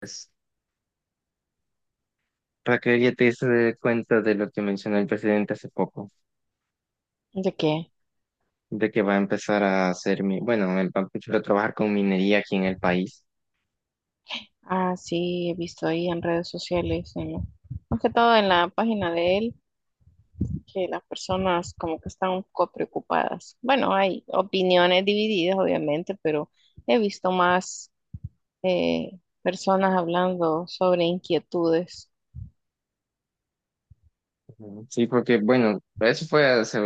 Pues, Raquel, ya te diste cuenta de lo que mencionó el presidente hace poco, ¿De qué? de que va a empezar a hacer, va a empezar a trabajar con minería aquí en el país. Ah, sí, he visto ahí en redes sociales, más que todo en la página de él, que las personas como que están un poco preocupadas. Bueno, hay opiniones divididas, obviamente, pero he visto más personas hablando sobre inquietudes. Ujú. Sí, porque, bueno, eso fue hace,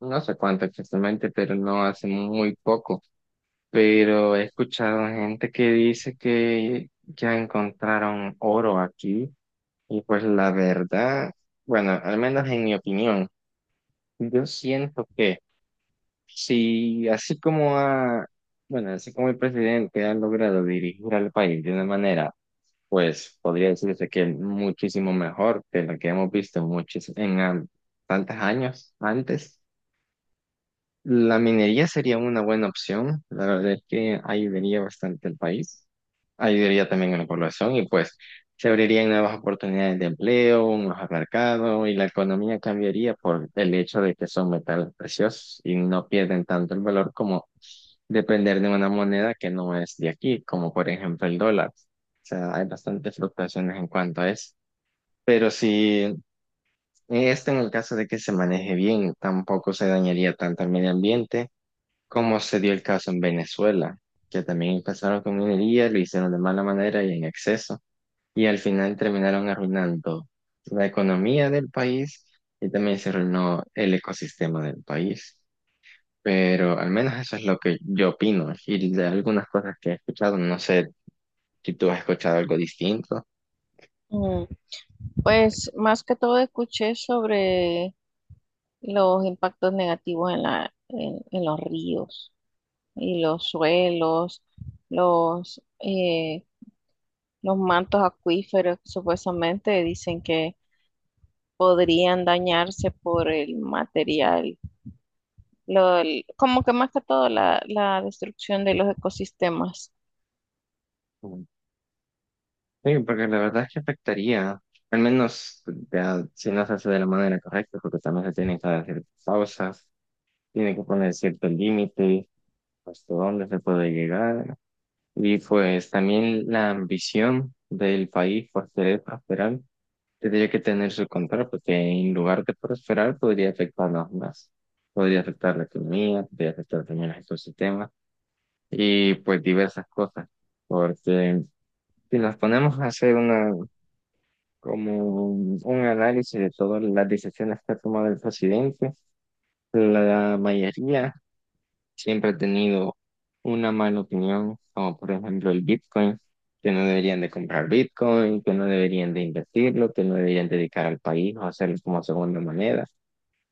no sé cuánto exactamente, pero no hace muy poco. Pero he escuchado gente que dice que ya encontraron oro aquí y pues la verdad, bueno, al menos en mi opinión, yo siento que... Si así como ha, bueno, Así como el presidente ha logrado dirigir al país de una manera, pues podría decirse que muchísimo mejor que lo que hemos visto en muchos, tantos años antes. La minería sería una buena opción. La verdad es que ayudaría bastante al país, ayudaría también a la población y pues se abrirían nuevas oportunidades de empleo, un mejor mercado y la economía cambiaría por el hecho de que son metales preciosos y no pierden tanto el valor como depender de una moneda que no es de aquí, como por ejemplo el dólar. O sea, hay bastantes fluctuaciones en cuanto a eso. Pero si esto en el caso de que se maneje bien, tampoco se dañaría tanto el medio ambiente como se dio el caso en Venezuela, que también empezaron con minería, lo hicieron de mala manera y en exceso, y al final terminaron arruinando la economía del país y también se arruinó el ecosistema del país. Pero al menos eso es lo que yo opino. Y de algunas cosas que he escuchado, no sé si tú has escuchado algo distinto. Mm, pues más que todo escuché sobre los impactos negativos en en los ríos y los suelos, los, eh, los mantos acuíferos que supuestamente dicen que podrían dañarse por el material, como que más que todo la destrucción de los ecosistemas. Mm. Sí, porque la verdad es que afectaría, al menos ya, si no se hace de la manera correcta, porque también se tienen que hacer pausas, tiene que poner cierto límite, hasta dónde se puede llegar. Y pues también la ambición del país por querer prosperar tendría que tener su control, porque en lugar de prosperar, podría afectarnos más. Podría afectar la economía, podría afectar también los ecosistemas y pues diversas cosas. Porque si nos ponemos a hacer una, como un análisis de todas las decisiones que ha tomado el presidente, la mayoría siempre ha tenido una mala opinión, como por ejemplo el Bitcoin, que no deberían de comprar Bitcoin, que no deberían de invertirlo, que no deberían dedicar al país o hacerlo como segunda moneda.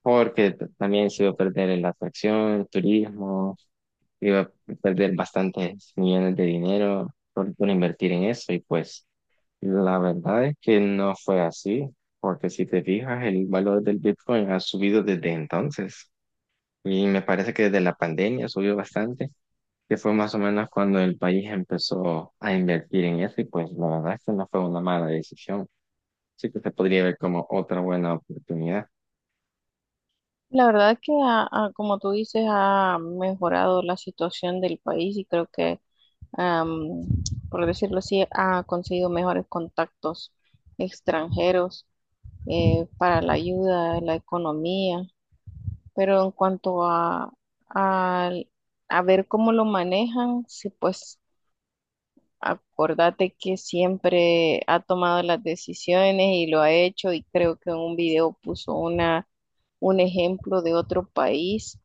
Porque también se iba a perder en la atracción, el turismo, iba a perder bastantes millones de dinero por invertir en eso y pues la verdad es que no fue así, porque si te fijas, el valor del Bitcoin ha subido desde entonces y me parece que desde la pandemia subió bastante, que fue más o menos cuando el país empezó a invertir en eso y pues la verdad es que no fue una mala decisión, sí que se podría ver como otra buena oportunidad. La verdad que, como tú dices, ha mejorado la situación del país y creo que, am, por decirlo así, ha conseguido mejores contactos extranjeros para la ayuda, la economía. Pero en cuanto al- a ver cómo lo manejan, sí, pues acordate que siempre ha tomado las decisiones y lo ha hecho y creo que en un video puso un ejemplo de otro país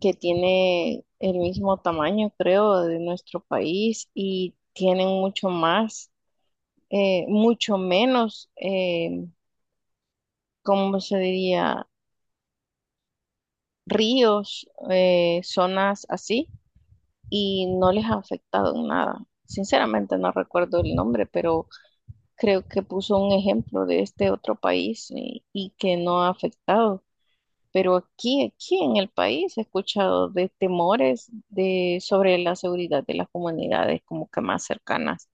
que tiene el mismo tamaño, creo, de nuestro país y tienen mucho más, mucho menos, ¿cómo se diría? Ríos, zonas así, y no les ha afectado en nada. Sinceramente no recuerdo el nombre, pero creo que puso un ejemplo de este otro país y que no ha afectado. Pero aquí en el país he escuchado de temores sobre la seguridad de las comunidades como que más cercanas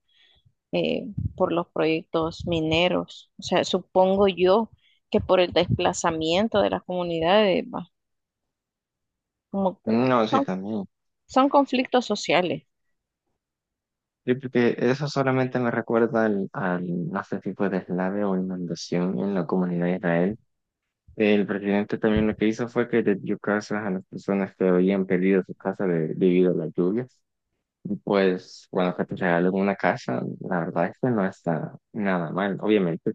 eh, por los proyectos mineros. O sea, supongo yo que por el desplazamiento de las comunidades, va, como que No, sí, son, también. son conflictos sociales. Sí, porque eso solamente me recuerda no sé si fue o inundación en la comunidad de Israel. El presidente también lo que hizo fue que le dio casas a las personas que habían perdido su casa debido a las lluvias. Pues cuando que te regalan una casa, la verdad es que no está nada mal. Obviamente,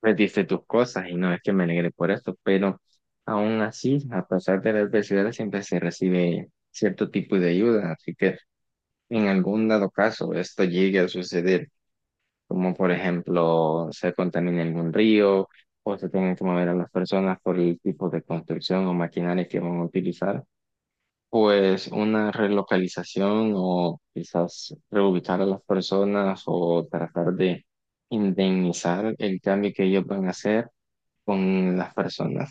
perdiste tus cosas y no es que me alegre por esto, pero aún así, a pesar de la adversidad, siempre se recibe cierto tipo de ayuda. Así que en algún dado caso esto llegue a suceder como por ejemplo se contamina algún río o se tienen que mover a las personas por el tipo de construcción o maquinaria que van a utilizar, pues una relocalización o quizás reubicar a las personas o tratar de indemnizar el cambio que ellos van a hacer con las personas.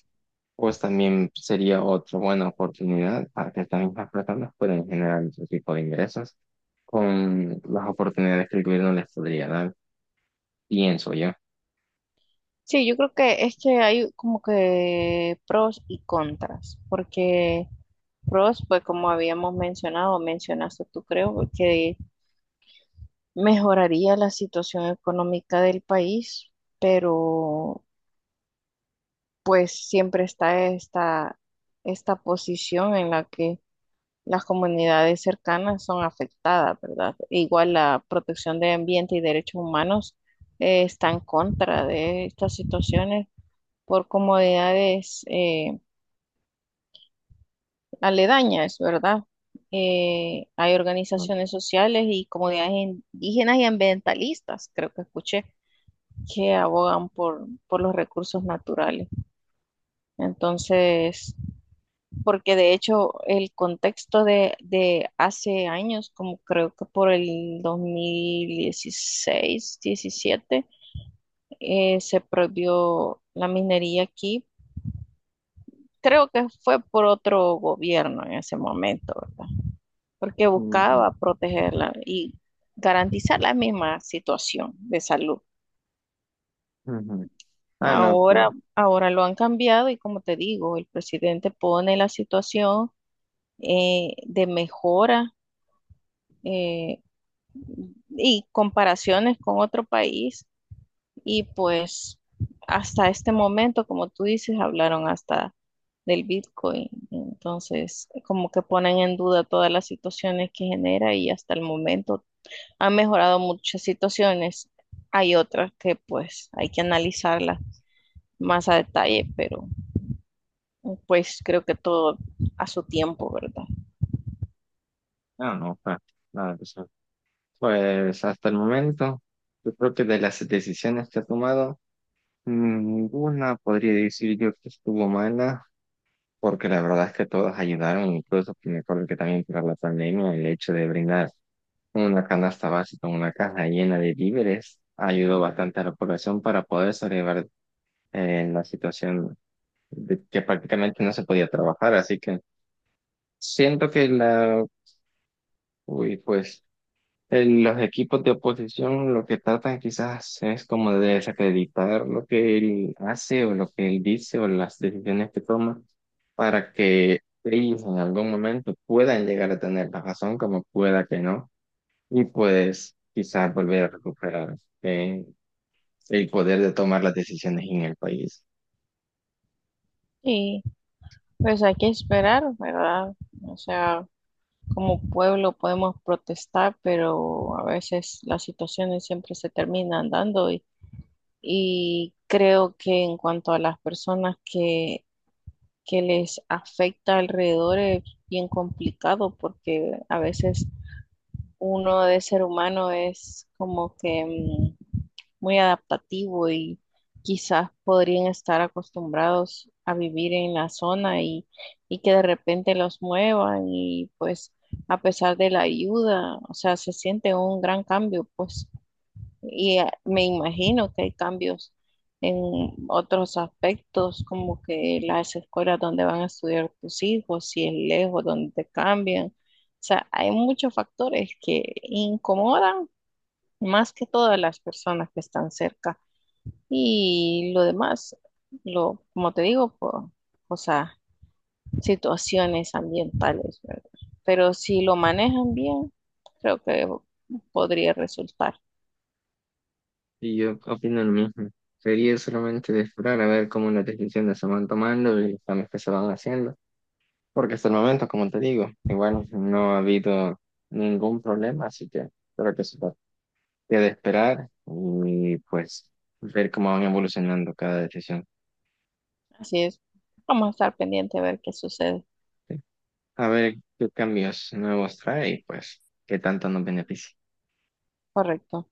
Pues también sería otra buena oportunidad para que estas mismas personas puedan generar otro tipo de ingresos con las oportunidades que el gobierno les podría dar, pienso yo. Sí, yo creo que es que hay como que pros y contras, porque pros, pues como habíamos mencionaste tú creo, que mejoraría la situación económica del país, pero pues siempre está esta posición en la que las comunidades cercanas son afectadas, ¿verdad? E igual la protección de ambiente y derechos humanos está en contra de estas situaciones por comodidades aledañas, ¿verdad? Hay organizaciones sociales y comunidades indígenas y ambientalistas, creo que escuché que abogan por los recursos naturales. Entonces, porque de hecho el contexto de hace años, como creo que por el 2016, 17, se prohibió la minería aquí. Creo que fue por otro gobierno en ese momento, ¿verdad? Porque Ujú, buscaba protegerla y garantizar la misma situación de salud. ujú. Ah, no, claro. Ahora, ahora lo han cambiado y como te digo, el presidente pone la situación de mejora, eh, y comparaciones con otro país y pues hasta este momento, como tú dices, hablaron hasta del Bitcoin. Entonces, como que ponen en duda todas las situaciones que genera y hasta el momento han mejorado muchas situaciones. Hay otras que pues hay que analizarlas más a detalle, pero... Pues creo que todo a su tiempo, ¿verdad? No, no, claro. Claro, o sea, pues hasta el momento, yo creo que de las decisiones que ha tomado, ninguna podría decir yo que estuvo mala, porque la verdad es que todas ayudaron, incluso que me acuerdo que también para la pandemia, el hecho de brindar una canasta básica, una caja llena de víveres, ayudó bastante a la población para poder sobrevivir en la situación de que prácticamente no se podía trabajar, así que siento que la... Uy, pues los equipos de oposición lo que tratan quizás es como de desacreditar lo que él hace o lo que él dice o las decisiones que toma para que ellos en algún momento puedan llegar a tener la razón como pueda que no y pues quizás volver a recuperar eh, el poder de tomar las decisiones en el país. Y pues hay que esperar, ¿verdad? O sea, como pueblo podemos protestar, pero a veces las situaciones siempre se terminan dando y creo que en cuanto a las personas que les afecta alrededor es bien complicado porque a veces uno de ser humano es como que muy adaptativo y quizás podrían estar acostumbrados a vivir en la zona y que de repente los muevan y pues a pesar de la ayuda, o sea, se siente un gran cambio, pues y me imagino que hay cambios en otros aspectos, como que las escuelas donde van a estudiar tus hijos, si es lejos, donde te cambian. O sea, hay muchos factores que incomodan más que todas las personas que están cerca. Y lo demás, como te digo, o sea, situaciones ambientales, ¿verdad? Pero si lo manejan bien, creo que podría resultar. Y yo opino lo mismo. Sería solamente de esperar a ver cómo las decisiones se van tomando y los cambios que se van haciendo. Porque hasta el momento, como te digo, igual no ha habido ningún problema, así que creo que eso queda esperar y pues ver cómo van evolucionando cada decisión. Así es. Vamos a estar pendiente a ver qué sucede. ¿Sí? A ver qué cambios nuevos trae y pues qué tanto nos beneficia. Correcto.